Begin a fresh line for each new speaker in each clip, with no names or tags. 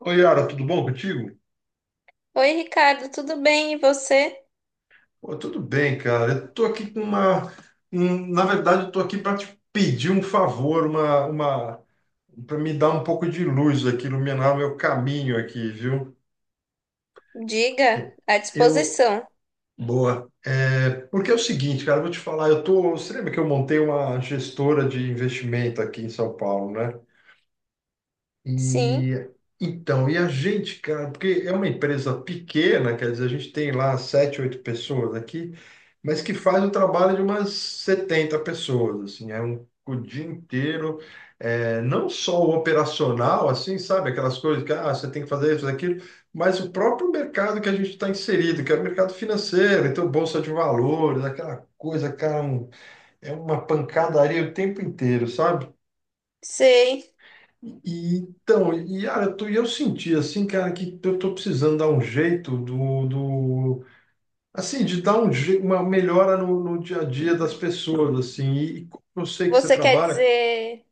Oi, Yara, tudo bom contigo?
Oi, Ricardo, tudo bem? E você?
Pô, tudo bem, cara. Eu tô aqui com uma. Na verdade, eu tô aqui para te pedir um favor, uma para me dar um pouco de luz aqui, iluminar o meu caminho aqui, viu?
Diga, à
Eu.
disposição.
Boa. É, porque é o seguinte, cara, eu vou te falar, eu tô. Você lembra que eu montei uma gestora de investimento aqui em São Paulo, né?
Sim,
E então, e a gente, cara, porque é uma empresa pequena, quer dizer, a gente tem lá sete, oito pessoas aqui, mas que faz o trabalho de umas 70 pessoas, assim, é um o dia inteiro, é, não só o operacional, assim, sabe, aquelas coisas que ah, você tem que fazer isso, aquilo, mas o próprio mercado que a gente está inserido, que é o mercado financeiro, então bolsa de valores, aquela coisa, cara, é uma pancadaria o tempo inteiro, sabe?
sei.
E então, e ah, eu, e eu senti assim, cara, que eu tô precisando dar um jeito do assim, de dar uma melhora no dia a dia das pessoas, assim, e como eu sei que você
Você quer
trabalha.
dizer,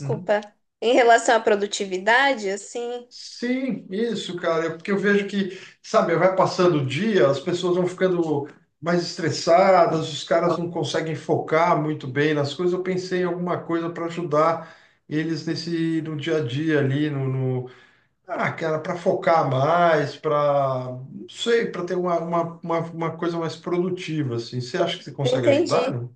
Uhum.
em relação à produtividade, assim?
Sim, isso, cara, é porque eu vejo que, sabe, vai passando o dia, as pessoas vão ficando mais estressadas, os caras não conseguem focar muito bem nas coisas. Eu pensei em alguma coisa para ajudar eles nesse no dia a dia ali, ah, cara, para focar mais, para, não sei, para ter uma coisa mais produtiva, assim. Você acha que você consegue ajudar,
Entendi.
não?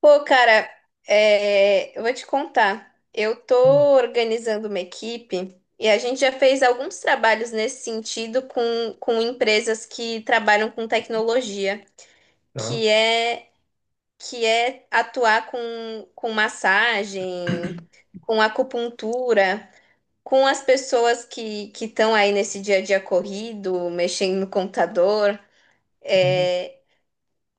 Pô, cara, eu vou te contar. Eu tô organizando uma equipe e a gente já fez alguns trabalhos nesse sentido com empresas que trabalham com tecnologia,
Tá.
que é que é atuar com massagem, com acupuntura, com as pessoas que estão aí nesse dia a dia corrido, mexendo no computador.
Uhum.
É,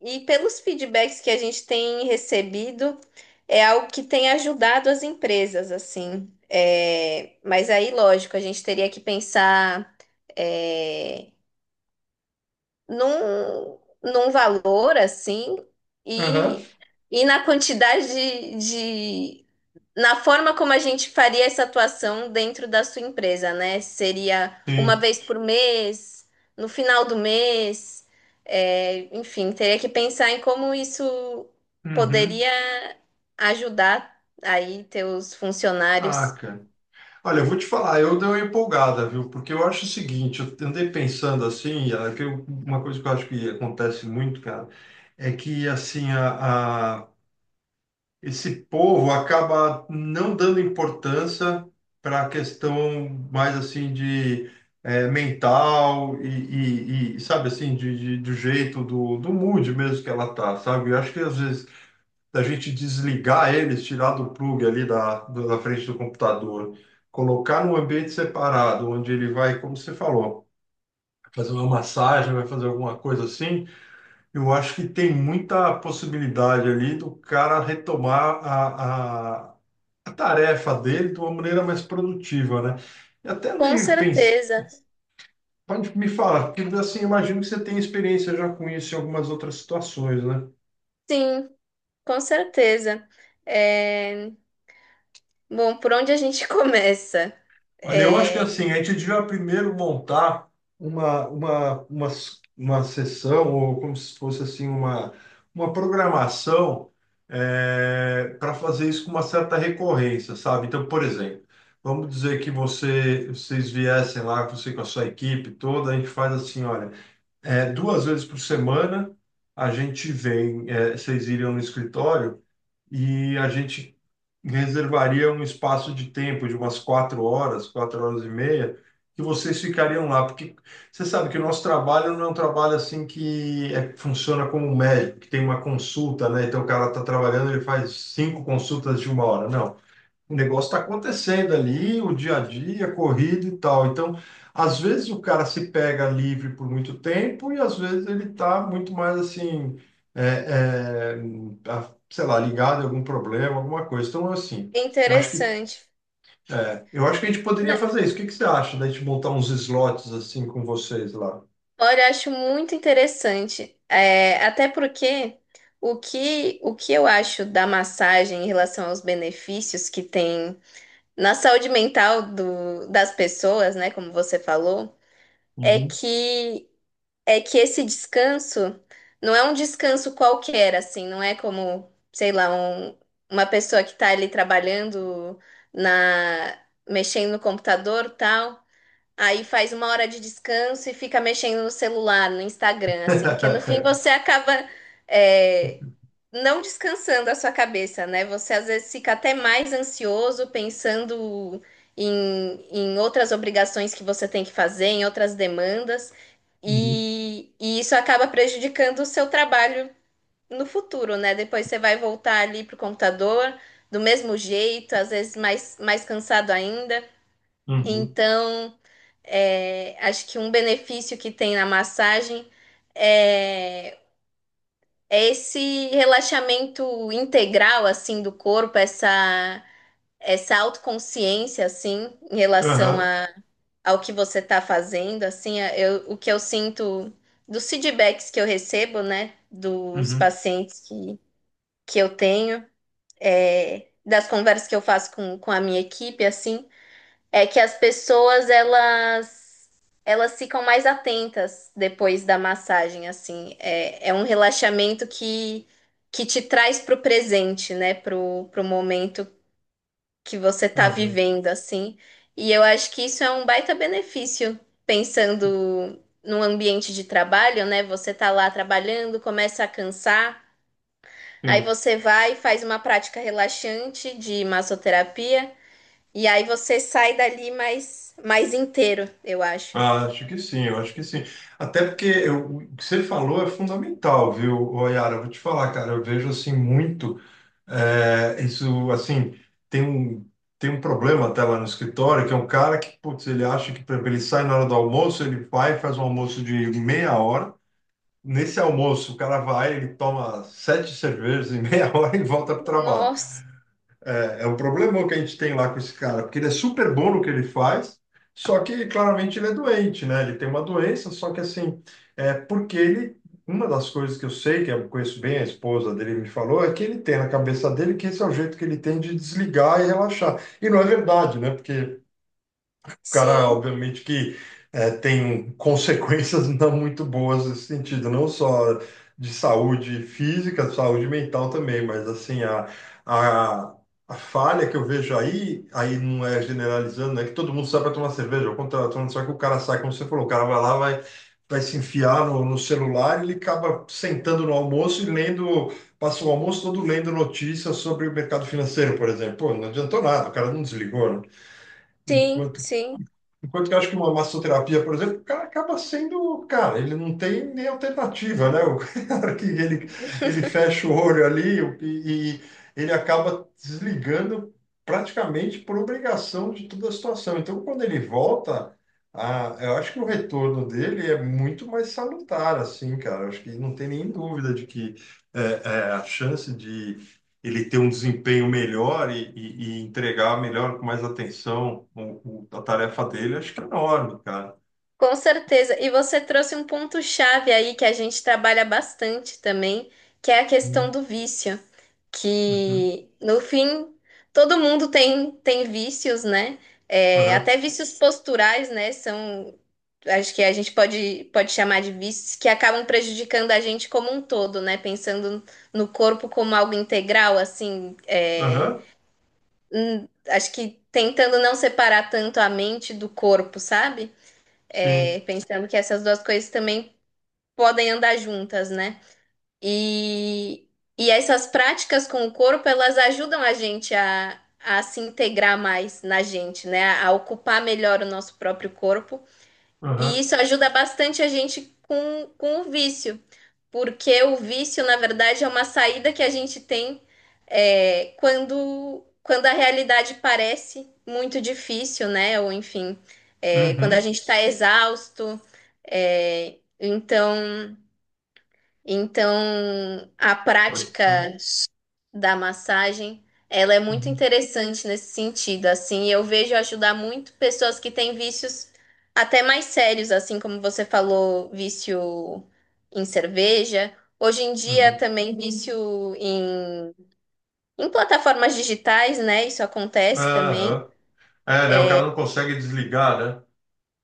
e pelos feedbacks que a gente tem recebido, é algo que tem ajudado as empresas, assim. É, mas aí, lógico, a gente teria que pensar. é, Num valor assim
Aham.
e, e na quantidade de- na forma como a gente faria essa atuação dentro da sua empresa, né? Seria uma
Sim.
vez por mês, no final do mês, é, enfim, teria que pensar em como isso
Uhum.
poderia ajudar aí teus
Ah,
funcionários.
cara. Olha, eu vou te falar, eu dei uma empolgada, viu? Porque eu acho o seguinte, eu andei pensando assim, é que uma coisa que eu acho que acontece muito, cara, é que assim, esse povo acaba não dando importância para a questão mais assim de eh, mental e, sabe assim do jeito do mood mesmo que ela tá, sabe? Eu acho que às vezes a gente desligar eles, tirar do plug ali da frente do computador, colocar num ambiente separado, onde ele vai, como você falou, fazer uma massagem, vai fazer alguma coisa assim. Eu acho que tem muita possibilidade ali do cara retomar a tarefa dele de uma maneira mais produtiva, né? E até
Com
andei pensando,
certeza,
pode me falar, porque assim, imagino que você tem experiência já com isso em algumas outras situações, né?
sim, com certeza. É, bom, por onde a gente começa?
Olha, eu
É
acho que assim, a gente devia primeiro montar uma, uma, uma, uma sessão, ou como se fosse assim, uma programação para fazer isso com uma certa recorrência, sabe? Então, por exemplo, vamos dizer que vocês viessem lá, você com a sua equipe toda, a gente faz assim, olha. É, duas vezes por semana a gente vem, é, vocês iriam no escritório e a gente reservaria um espaço de tempo de umas quatro horas e meia, que vocês ficariam lá, porque você sabe que o nosso trabalho não é um trabalho assim que funciona como um médico, que tem uma consulta, né? Então o cara está trabalhando, ele faz cinco consultas de uma hora. Não, o negócio está acontecendo ali, o dia a dia, corrida e tal. Então, às vezes o cara se pega livre por muito tempo e às vezes ele está muito mais assim, é, é, sei lá, ligado a algum problema, alguma coisa. Então, assim, eu acho que,
interessante.
é, eu acho que a gente poderia
Na-
fazer isso. O que que você acha da gente montar uns slots assim com vocês lá?
Olha, eu acho muito interessante. É, até porque o que eu acho da massagem em relação aos benefícios que tem na saúde mental das pessoas, né, como você falou, é
Uhum.
que é que esse descanso não é um descanso qualquer, assim, não é como, sei lá, uma pessoa que está ali trabalhando na, mexendo no computador, tal. Aí faz uma hora de descanso e fica mexendo no celular, no Instagram, assim, que no fim você acaba é, não descansando a sua cabeça, né? Você às vezes fica até mais ansioso pensando em, em outras obrigações que você tem que fazer, em outras demandas,
Uhum.
e isso acaba prejudicando o seu trabalho no futuro, né? Depois você vai voltar ali pro computador do mesmo jeito, às vezes mais cansado ainda.
Uhum.
Então. É, acho que um benefício que tem na massagem é, é esse relaxamento integral assim do corpo, essa autoconsciência assim em relação
Aham.
a, ao que você está fazendo, assim, o que eu sinto dos feedbacks que eu recebo, né, dos
Uhum.
pacientes que eu tenho, é, das conversas que eu faço com a minha equipe, assim. É que as pessoas elas ficam mais atentas depois da massagem, assim. É, é um relaxamento que te traz pro presente, né? Pro momento que você tá
Aham.
vivendo, assim. E eu acho que isso é um baita benefício, pensando no ambiente de trabalho, né? Você tá lá trabalhando, começa a cansar, aí
Sim.
você vai e faz uma prática relaxante de massoterapia. E aí você sai dali mais inteiro, eu acho.
Ah, acho que sim, eu acho que sim. Até porque o que você falou é fundamental, viu, ô, Yara? Eu vou te falar, cara, eu vejo assim muito. É, isso, assim, tem um, tem um problema até lá no escritório, que é um cara que, putz, ele acha que, por exemplo, ele sai na hora do almoço, ele vai e faz um almoço de meia hora. Nesse almoço, o cara vai, ele toma sete cervejas em meia hora e volta para o trabalho.
Nossa,
É, é o problema que a gente tem lá com esse cara, porque ele é super bom no que ele faz, só que claramente ele é doente, né? Ele tem uma doença, só que assim, é porque ele. Uma das coisas que eu sei, que eu conheço bem, a esposa dele me falou, é que ele tem na cabeça dele que esse é o jeito que ele tem de desligar e relaxar. E não é verdade, né? Porque o cara,
sim,
obviamente, que eh, tem consequências não muito boas nesse sentido, não só de saúde física, saúde mental também, mas assim, a, a falha que eu vejo aí, aí não é generalizando, né? Que todo mundo sai para tomar cerveja, ao contrário, todo mundo sai que o cara sai, como você falou, o cara vai lá, vai se enfiar no celular, ele acaba sentando no almoço e lendo, passa o almoço todo lendo notícias sobre o mercado financeiro, por exemplo. Pô, não adiantou nada, o cara não desligou, né?
sim, sim.
Enquanto que eu acho que uma massoterapia, por exemplo, o cara acaba sendo, cara, ele não tem nem alternativa, né? O cara que ele fecha o olho ali e ele acaba desligando praticamente por obrigação de toda a situação. Então, quando ele volta, eu acho que o retorno dele é muito mais salutar, assim, cara. Eu acho que não tem nem dúvida de que é, a chance de ele ter um desempenho melhor e entregar melhor, com mais atenção, a tarefa dele, acho que é enorme, cara.
Com certeza. E você trouxe um ponto-chave aí que a gente trabalha bastante também, que é a questão
Uhum.
do vício.
Uhum.
Que, no fim, todo mundo tem vícios, né? É,
Aham.
até vícios posturais, né? São, acho que a gente pode chamar de vícios que acabam prejudicando a gente como um todo, né? Pensando no corpo como algo integral, assim, é,
Aham.
acho que tentando não separar tanto a mente do corpo, sabe?
Sim.
É, pensando que essas duas coisas também podem andar juntas, né? E, e essas práticas com o corpo, elas ajudam a gente a se integrar mais na gente, né? A ocupar melhor o nosso próprio corpo. E
Aham.
isso ajuda bastante a gente com o vício. Porque o vício, na verdade, é uma saída que a gente tem é, quando a realidade parece muito difícil, né? Ou enfim, é, quando a
Uhum.
gente está exausto. é, então, então, a
Pode ser.
prática da massagem, ela é muito
Uhum.
interessante nesse sentido, assim, eu vejo ajudar muito pessoas que têm vícios até mais sérios, assim como você falou, vício em cerveja, hoje em dia
Uhum.
também. Uhum. Vício em plataformas digitais, né? Isso acontece também.
Aham. É, né? O cara não consegue desligar, né?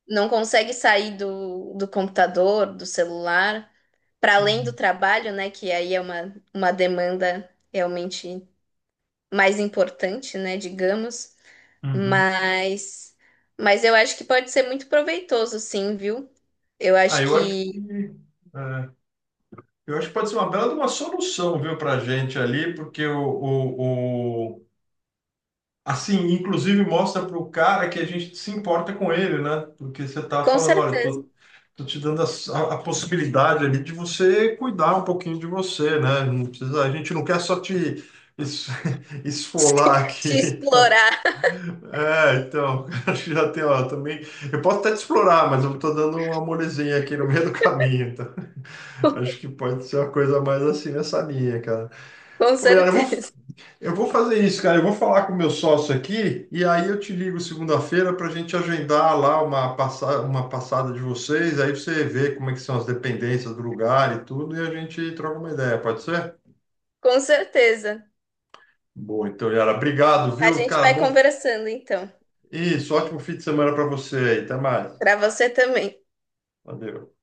Não consegue sair do computador, do celular, para além do
Uhum.
trabalho, né? Que aí é uma demanda realmente mais importante, né? Digamos.
Uhum.
Mas, mas eu acho que pode ser muito proveitoso, sim, viu? Eu
Ah,
acho
eu acho
que,
que. É, eu acho que pode ser uma bela de uma solução, viu, pra gente ali, porque o, assim, inclusive mostra para o cara que a gente se importa com ele, né? Porque você tá
com
falando, olha,
certeza,
tô te dando a possibilidade ali de você cuidar um pouquinho de você, né? Não precisa, a gente não quer só te es- esfolar
te
aqui.
explorar,
É, então, acho que já tem, ó, também. Eu posso até te explorar, mas eu tô dando uma molezinha aqui no meio do caminho, tá? Acho que pode ser uma coisa mais assim nessa linha, cara.
com
Pô, Yara,
certeza,
eu vou fazer isso, cara. Eu vou falar com o meu sócio aqui e aí eu te ligo segunda-feira para a gente agendar lá uma passada de vocês. Aí você vê como é que são as dependências do lugar e tudo e a gente troca uma ideia, pode ser?
com certeza.
Boa, então, Yara, obrigado,
A
viu?
gente
Cara,
vai
bom.
conversando, então,
Isso, ótimo fim de semana para você aí. Até mais.
para você também.
Valeu.